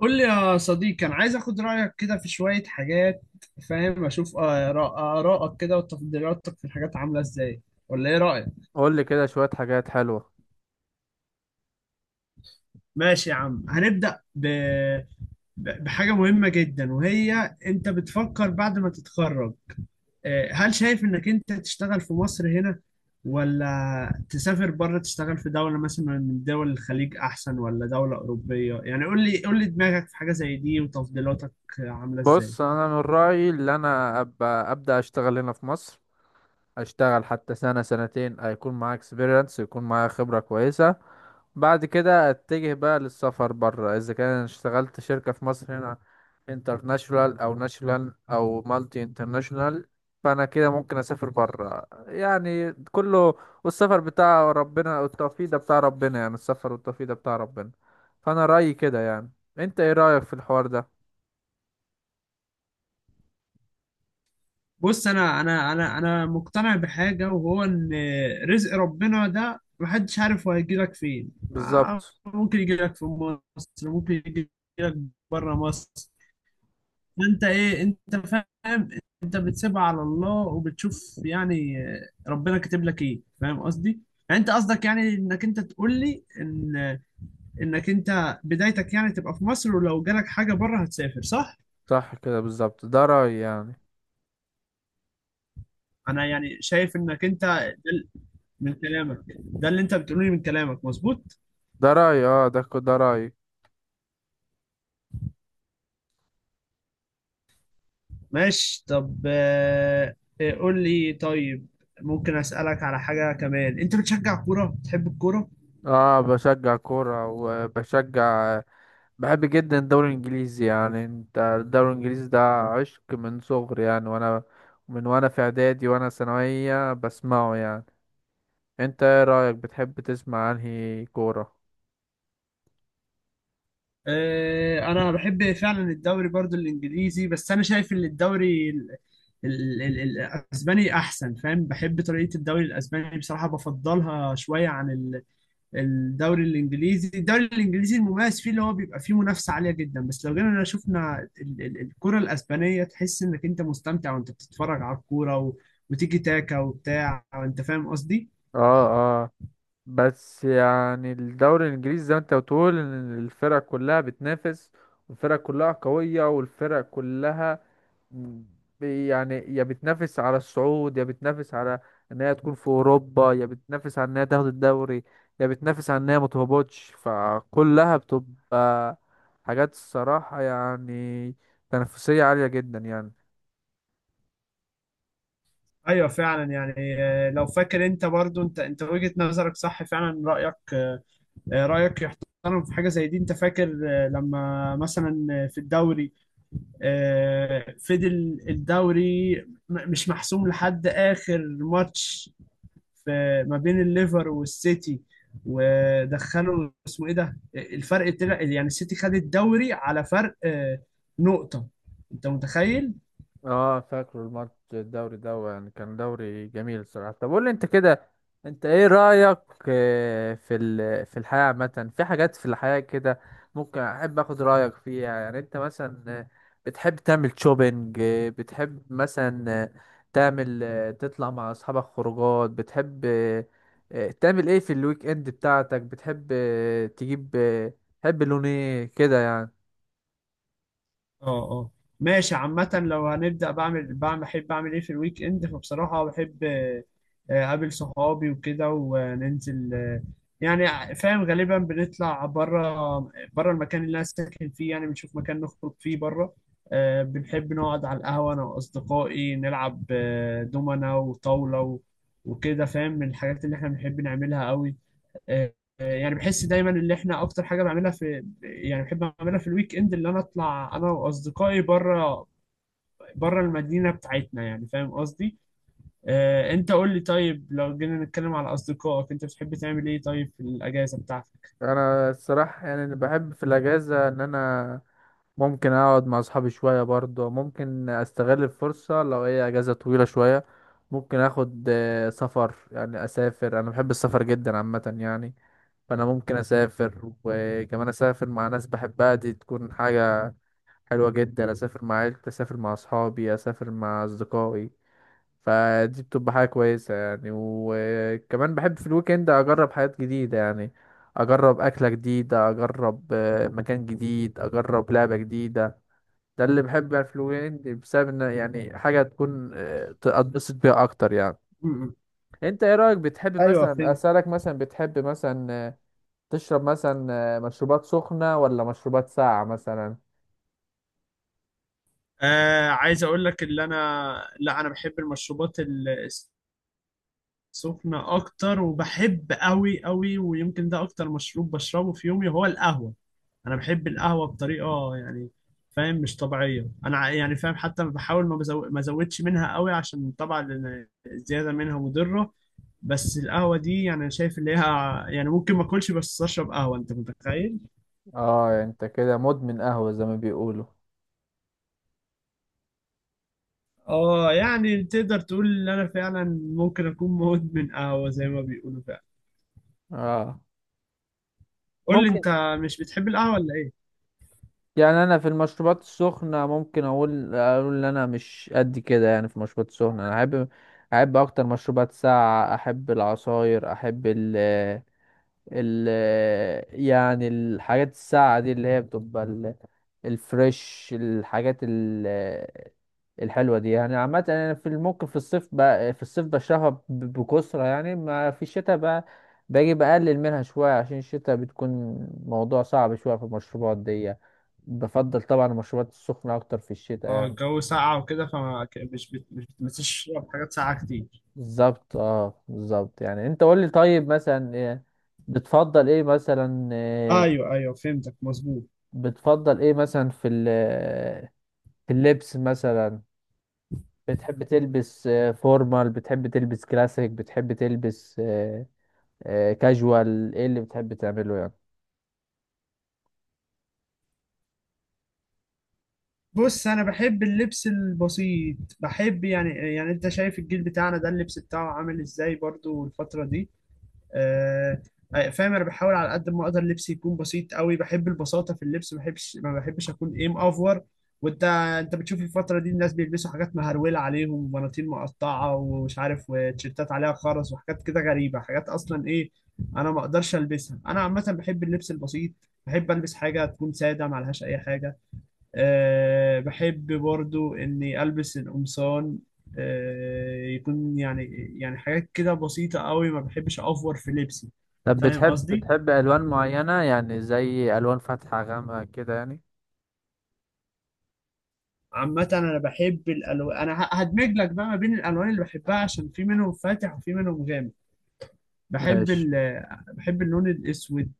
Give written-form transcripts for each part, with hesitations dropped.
قول لي يا صديقي، انا عايز اخد رايك كده في شويه حاجات. فاهم، اشوف ارائك كده وتفضيلاتك في الحاجات عامله ازاي، ولا ايه رايك؟ قول لي كده شوية حاجات حلوة. ماشي يا عم، هنبدا بحاجه مهمه جدا، وهي انت بتفكر بعد ما تتخرج، هل شايف انك انت تشتغل في مصر هنا، ولا تسافر بره تشتغل في دوله مثلا من دول الخليج احسن، ولا دوله اوروبيه؟ يعني قول لي دماغك في حاجه زي دي وتفضيلاتك عامله ازاي. بص انا من رأيي اللي انا ابقى ابدأ اشتغل هنا في مصر، اشتغل حتى سنة سنتين هيكون معايا اكسبيرينس، يكون معايا خبرة كويسة. بعد كده اتجه بقى للسفر بره. اذا كان أنا اشتغلت شركة في مصر هنا انترناشونال او ناشونال او مالتي انترناشونال، فانا كده ممكن اسافر بره يعني. كله والسفر بتاع ربنا والتوفيق ده بتاع ربنا، يعني السفر والتوفيق ده بتاع ربنا. فانا رأيي كده يعني. انت ايه رأيك في الحوار ده؟ بص، انا مقتنع بحاجه وهو ان رزق ربنا ده محدش عارف هو هيجيلك فين. بالظبط. ممكن يجيلك في مصر، ممكن يجيلك بره مصر. انت ايه، انت فاهم، انت بتسيبها على الله وبتشوف يعني ربنا كاتب لك ايه، فاهم قصدي؟ يعني انت قصدك يعني انك انت تقول لي ان انك انت بدايتك يعني تبقى في مصر، ولو جالك حاجه بره هتسافر، صح؟ صح كده بالظبط، ده رأيي يعني. انا يعني شايف انك انت ده من كلامك، ده اللي انت بتقوله لي من كلامك مظبوط. ده رأيي، اه، ده ده رأيي. ماشي طب، قول لي طيب، ممكن اسالك على حاجه كمان؟ انت بتشجع كوره، بتحب الكوره؟ اه بشجع كورة وبشجع، بحب جدا الدوري الانجليزي يعني. انت الدوري الانجليزي ده عشق من صغري يعني، وانا من وانا في اعدادي وانا ثانوية بسمعه يعني. انت ايه رأيك، بتحب تسمع انهي كورة؟ انا بحب فعلا الدوري برضو الانجليزي، بس انا شايف ان الدوري الاسباني احسن. فاهم، بحب طريقه الدوري الاسباني، بصراحه بفضلها شويه عن الدوري الانجليزي. الدوري الانجليزي المميز فيه اللي هو بيبقى فيه منافسه عاليه جدا، بس لو جينا شفنا الكره الاسبانيه تحس انك انت مستمتع وانت بتتفرج على الكوره وتيجي تاكا وبتاع، انت فاهم قصدي. اه اه. بس يعني الدوري الانجليزي زي ما انت بتقول ان الفرق كلها بتنافس، والفرق كلها قوية والفرق كلها مم. يعني يا بتنافس على الصعود، يا بتنافس على ان هي تكون في اوروبا، يا بتنافس على ان هي تاخد الدوري، يا بتنافس على ان هي ما تهبطش. فكلها بتبقى حاجات الصراحة يعني تنافسية عالية جدا يعني. ايوه فعلا يعني. لو فاكر انت برضو، انت وجهة نظرك صح فعلا، رايك رايك يحترم في حاجه زي دي. انت فاكر لما مثلا في الدوري فضل الدوري مش محسوم لحد اخر ماتش في ما بين الليفر والسيتي، ودخلوا اسمه ايه ده، الفرق طلع يعني السيتي خد الدوري على فرق نقطة؟ انت متخيل؟ اه فاكره الماتش الدوري ده يعني كان دوري جميل الصراحة. طب قول لي انت كده، انت ايه رأيك في في الحياة عامة، في حاجات في الحياة كده ممكن احب اخد رأيك فيها؟ يعني انت مثلا بتحب تعمل شوبينج؟ بتحب مثلا تعمل تطلع مع اصحابك خروجات؟ بتحب تعمل ايه في الويك اند بتاعتك؟ بتحب تجيب تحب لون ايه كده يعني؟ اه اه. ماشي، عامة لو هنبدأ بعمل بحب أعمل إيه في الويك إند، فبصراحة بحب أقابل صحابي وكده، وننزل يعني فاهم غالبا بنطلع بره، بره المكان اللي أنا ساكن فيه، يعني بنشوف مكان نخرج فيه بره. بنحب نقعد على القهوة أنا وأصدقائي، نلعب دومنا وطاولة وكده، فاهم، من الحاجات اللي إحنا بنحب نعملها قوي. آه، يعني بحس دايما اللي احنا اكتر حاجه بعملها في، يعني بحب اعملها في الويك اند، اللي انا اطلع انا واصدقائي بره، بره المدينه بتاعتنا، يعني فاهم قصدي. انت قول لي طيب، لو جينا نتكلم على اصدقائك، انت بتحب تعمل ايه طيب في الاجازه بتاعتك؟ انا الصراحه يعني بحب في الاجازه ان انا ممكن اقعد مع اصحابي شويه برضه. ممكن استغل الفرصه لو هي اجازه طويله شويه ممكن اخد سفر، يعني اسافر. انا بحب السفر جدا عامه يعني، فانا ممكن اسافر. وكمان اسافر مع ناس بحبها، دي تكون حاجه حلوه جدا. اسافر مع عيلتي، اسافر مع اصحابي، اسافر مع اصدقائي، فدي بتبقى حاجة كويسة يعني. وكمان بحب في الويكند أجرب حاجات جديدة يعني. أجرب أكلة جديدة، أجرب مكان جديد، أجرب لعبة جديدة. ده اللي بحب يعني في الويكند، بسبب إن يعني حاجة تكون أتبسط بيها أكتر يعني. م- م. أنت إيه رأيك، بتحب ايوه مثلا فهمت. أسألك مثلا بتحب مثلا تشرب مثلا مشروبات سخنة ولا مشروبات ساقعة مثلا؟ آه، عايز اقول لك اللي انا، لا انا بحب المشروبات سخنة أكتر، وبحب أوي أوي، ويمكن ده أكتر مشروب بشربه في يومي هو القهوة. أنا بحب القهوة بطريقة يعني، فاهم، مش طبيعية. أنا يعني فاهم، حتى بحاول ما أزودش منها أوي، عشان طبعا لأن الزيادة منها مضرة. بس القهوة دي يعني أنا شايف اللي هي يعني ممكن ما أكلش بس أشرب قهوة، أنت متخيل؟ اه انت كده مدمن قهوة زي ما بيقولوا. آه، يعني تقدر تقول إن أنا فعلا ممكن أكون مدمن قهوة زي ما بيقولوا فعلا. اه قول لي ممكن. أنت، مش بتحب القهوة ولا إيه؟ يعني انا في المشروبات السخنه ممكن اقول ان انا مش قد كده يعني. في المشروبات السخنه انا احب، احب اكتر مشروبات ساقعه، احب العصاير، احب ال ال يعني الحاجات الساقعة دي اللي هي بتبقى الفريش، الحاجات الحلوة دي يعني. عامة أنا في ممكن في الصيف بقى، في الصيف بشربها بكثرة يعني. ما في الشتاء بقى باجي بقلل منها شوية، عشان الشتاء بتكون موضوع صعب شوية في المشروبات دي. بفضل طبعا المشروبات السخنة أكتر في الشتاء اه، يعني. الجو ساقع وكده، فما مش بتمسش تشرب حاجات ساقعة كتير. بالظبط، اه بالظبط يعني. انت قول لي طيب مثلا إيه بتفضل ايه مثلا ايوه ايوه فهمتك، مظبوط. بتفضل ايه مثلا في في اللبس مثلا؟ بتحب تلبس فورمال، بتحب تلبس كلاسيك، بتحب تلبس كاجوال، ايه اللي بتحب تعمله يعني؟ بص، انا بحب اللبس البسيط، بحب يعني، يعني انت شايف الجيل بتاعنا ده اللبس بتاعه عامل ازاي برضو الفترة دي. آه، فاهم، انا بحاول على قد ما اقدر لبسي يكون بسيط قوي، بحب البساطه في اللبس، ما بحبش اكون ايه مأفور. وانت، انت بتشوف الفتره دي الناس بيلبسوا حاجات مهرولة عليهم، وبناطيل مقطعه ومش عارف، وتيشيرتات عليها خرز وحاجات كده غريبه، حاجات اصلا ايه انا ما اقدرش البسها. انا عامه بحب اللبس البسيط، بحب البس حاجه تكون ساده ما عليهاش اي حاجه. أه، بحب برضو إني ألبس القمصان. أه، يكون يعني، يعني حاجات كده بسيطة قوي، ما بحبش أوفر في لبسي، طب فاهم بتحب قصدي؟ بتحب الوان معينة يعني، زي الوان فاتحة غامقة كده يعني؟ عامة أنا بحب الألوان، أنا هدمج لك بقى ما بين الألوان اللي بحبها، عشان في منهم فاتح وفي منهم غامق. بحب ماشي. ال بحب اللون الأسود،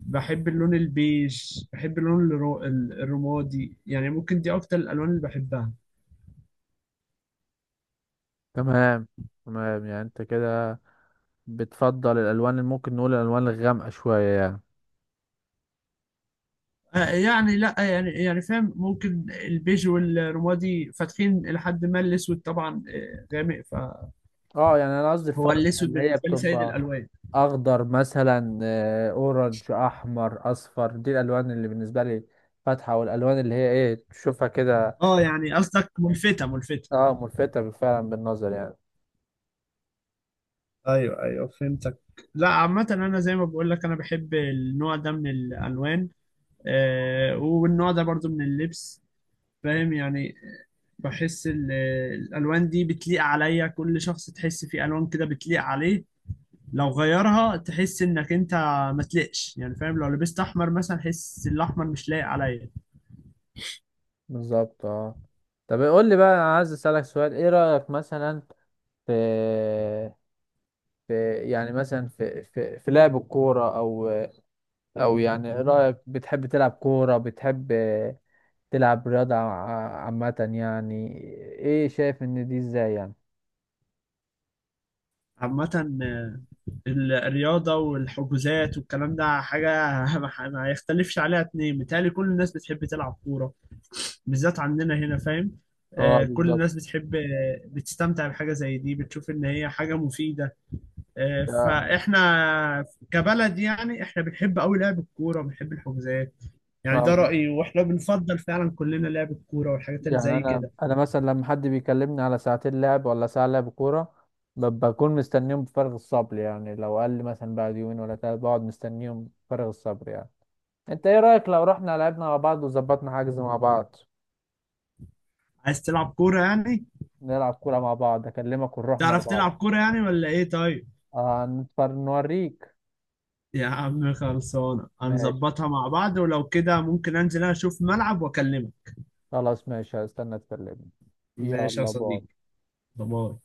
بحب اللون البيج، بحب اللون الرمادي، يعني ممكن دي أكتر الألوان اللي بحبها. تمام تمام، يعني انت كده بتفضل الالوان اللي ممكن نقول الالوان الغامقة شوية يعني. يعني لا يعني، يعني فاهم، ممكن البيج والرمادي فاتحين، لحد ما الاسود طبعا غامق. اه يعني انا قصدي فهو الفواتح الاسود اللي هي بالنسبه لي سيد بتبقى الالوان. اخضر مثلا، اورنج، احمر، اصفر، دي الالوان اللي بالنسبه لي فاتحه والالوان اللي هي ايه تشوفها كده. اه يعني قصدك ملفته، ملفته. اه ملفته فعلا بالنظر يعني. ايوه ايوه فهمتك. لا عامه انا زي ما بقول لك، انا بحب النوع ده من الالوان، والنوع ده برضو من اللبس، فاهم يعني. بحس الالوان دي بتليق عليا، كل شخص تحس فيه الوان كده بتليق عليه، لو غيرها تحس انك انت ما تلقش، يعني فاهم، لو لبست احمر مثلا تحس الاحمر مش لايق عليا. بالظبط اه. طب قول لي بقى، أنا عايز اسالك سؤال. ايه رايك مثلا في في لعب الكوره، او او يعني إيه رايك، بتحب تلعب كوره، بتحب تلعب رياضه عامه يعني؟ ايه شايف ان دي ازاي يعني؟ عامة الرياضة والحجوزات والكلام ده حاجة ما يختلفش عليها اتنين، متهيألي كل الناس بتحب تلعب كورة، بالذات عندنا هنا، فاهم. اه كل بالظبط. الناس بتحب بتستمتع بحاجة زي دي، بتشوف ان هي حاجة مفيدة. فاحنا كبلد يعني احنا بنحب قوي لعب الكوره، وبنحب الحجوزات، يعني ده آه. رايي، واحنا بنفضل فعلا كلنا لعب الكوره والحاجات اللي يعني زي انا كده. انا مثلا لما حد بيكلمني على ساعتين لعب ولا ساعه لعب كوره، بكون مستنيهم بفارغ الصبر يعني. لو قال لي مثلا بعد يومين ولا ثلاثه بقعد مستنيهم بفارغ الصبر يعني. انت ايه رايك لو رحنا لعبنا مع بعض وظبطنا حجز مع بعض؟ عايز تلعب كوره يعني؟ نلعب كوره مع بعض، اكلمك ونروح مع تعرف بعض. تلعب كوره يعني ولا ايه؟ طيب آه نتفر نوريك. يا عم، خلصانه، ماشي هنظبطها مع بعض، ولو كده ممكن انزل أنا اشوف ملعب واكلمك. خلاص، ماشي هستنى تكلمني. ماشي يا يلا باي. صديقي، باي.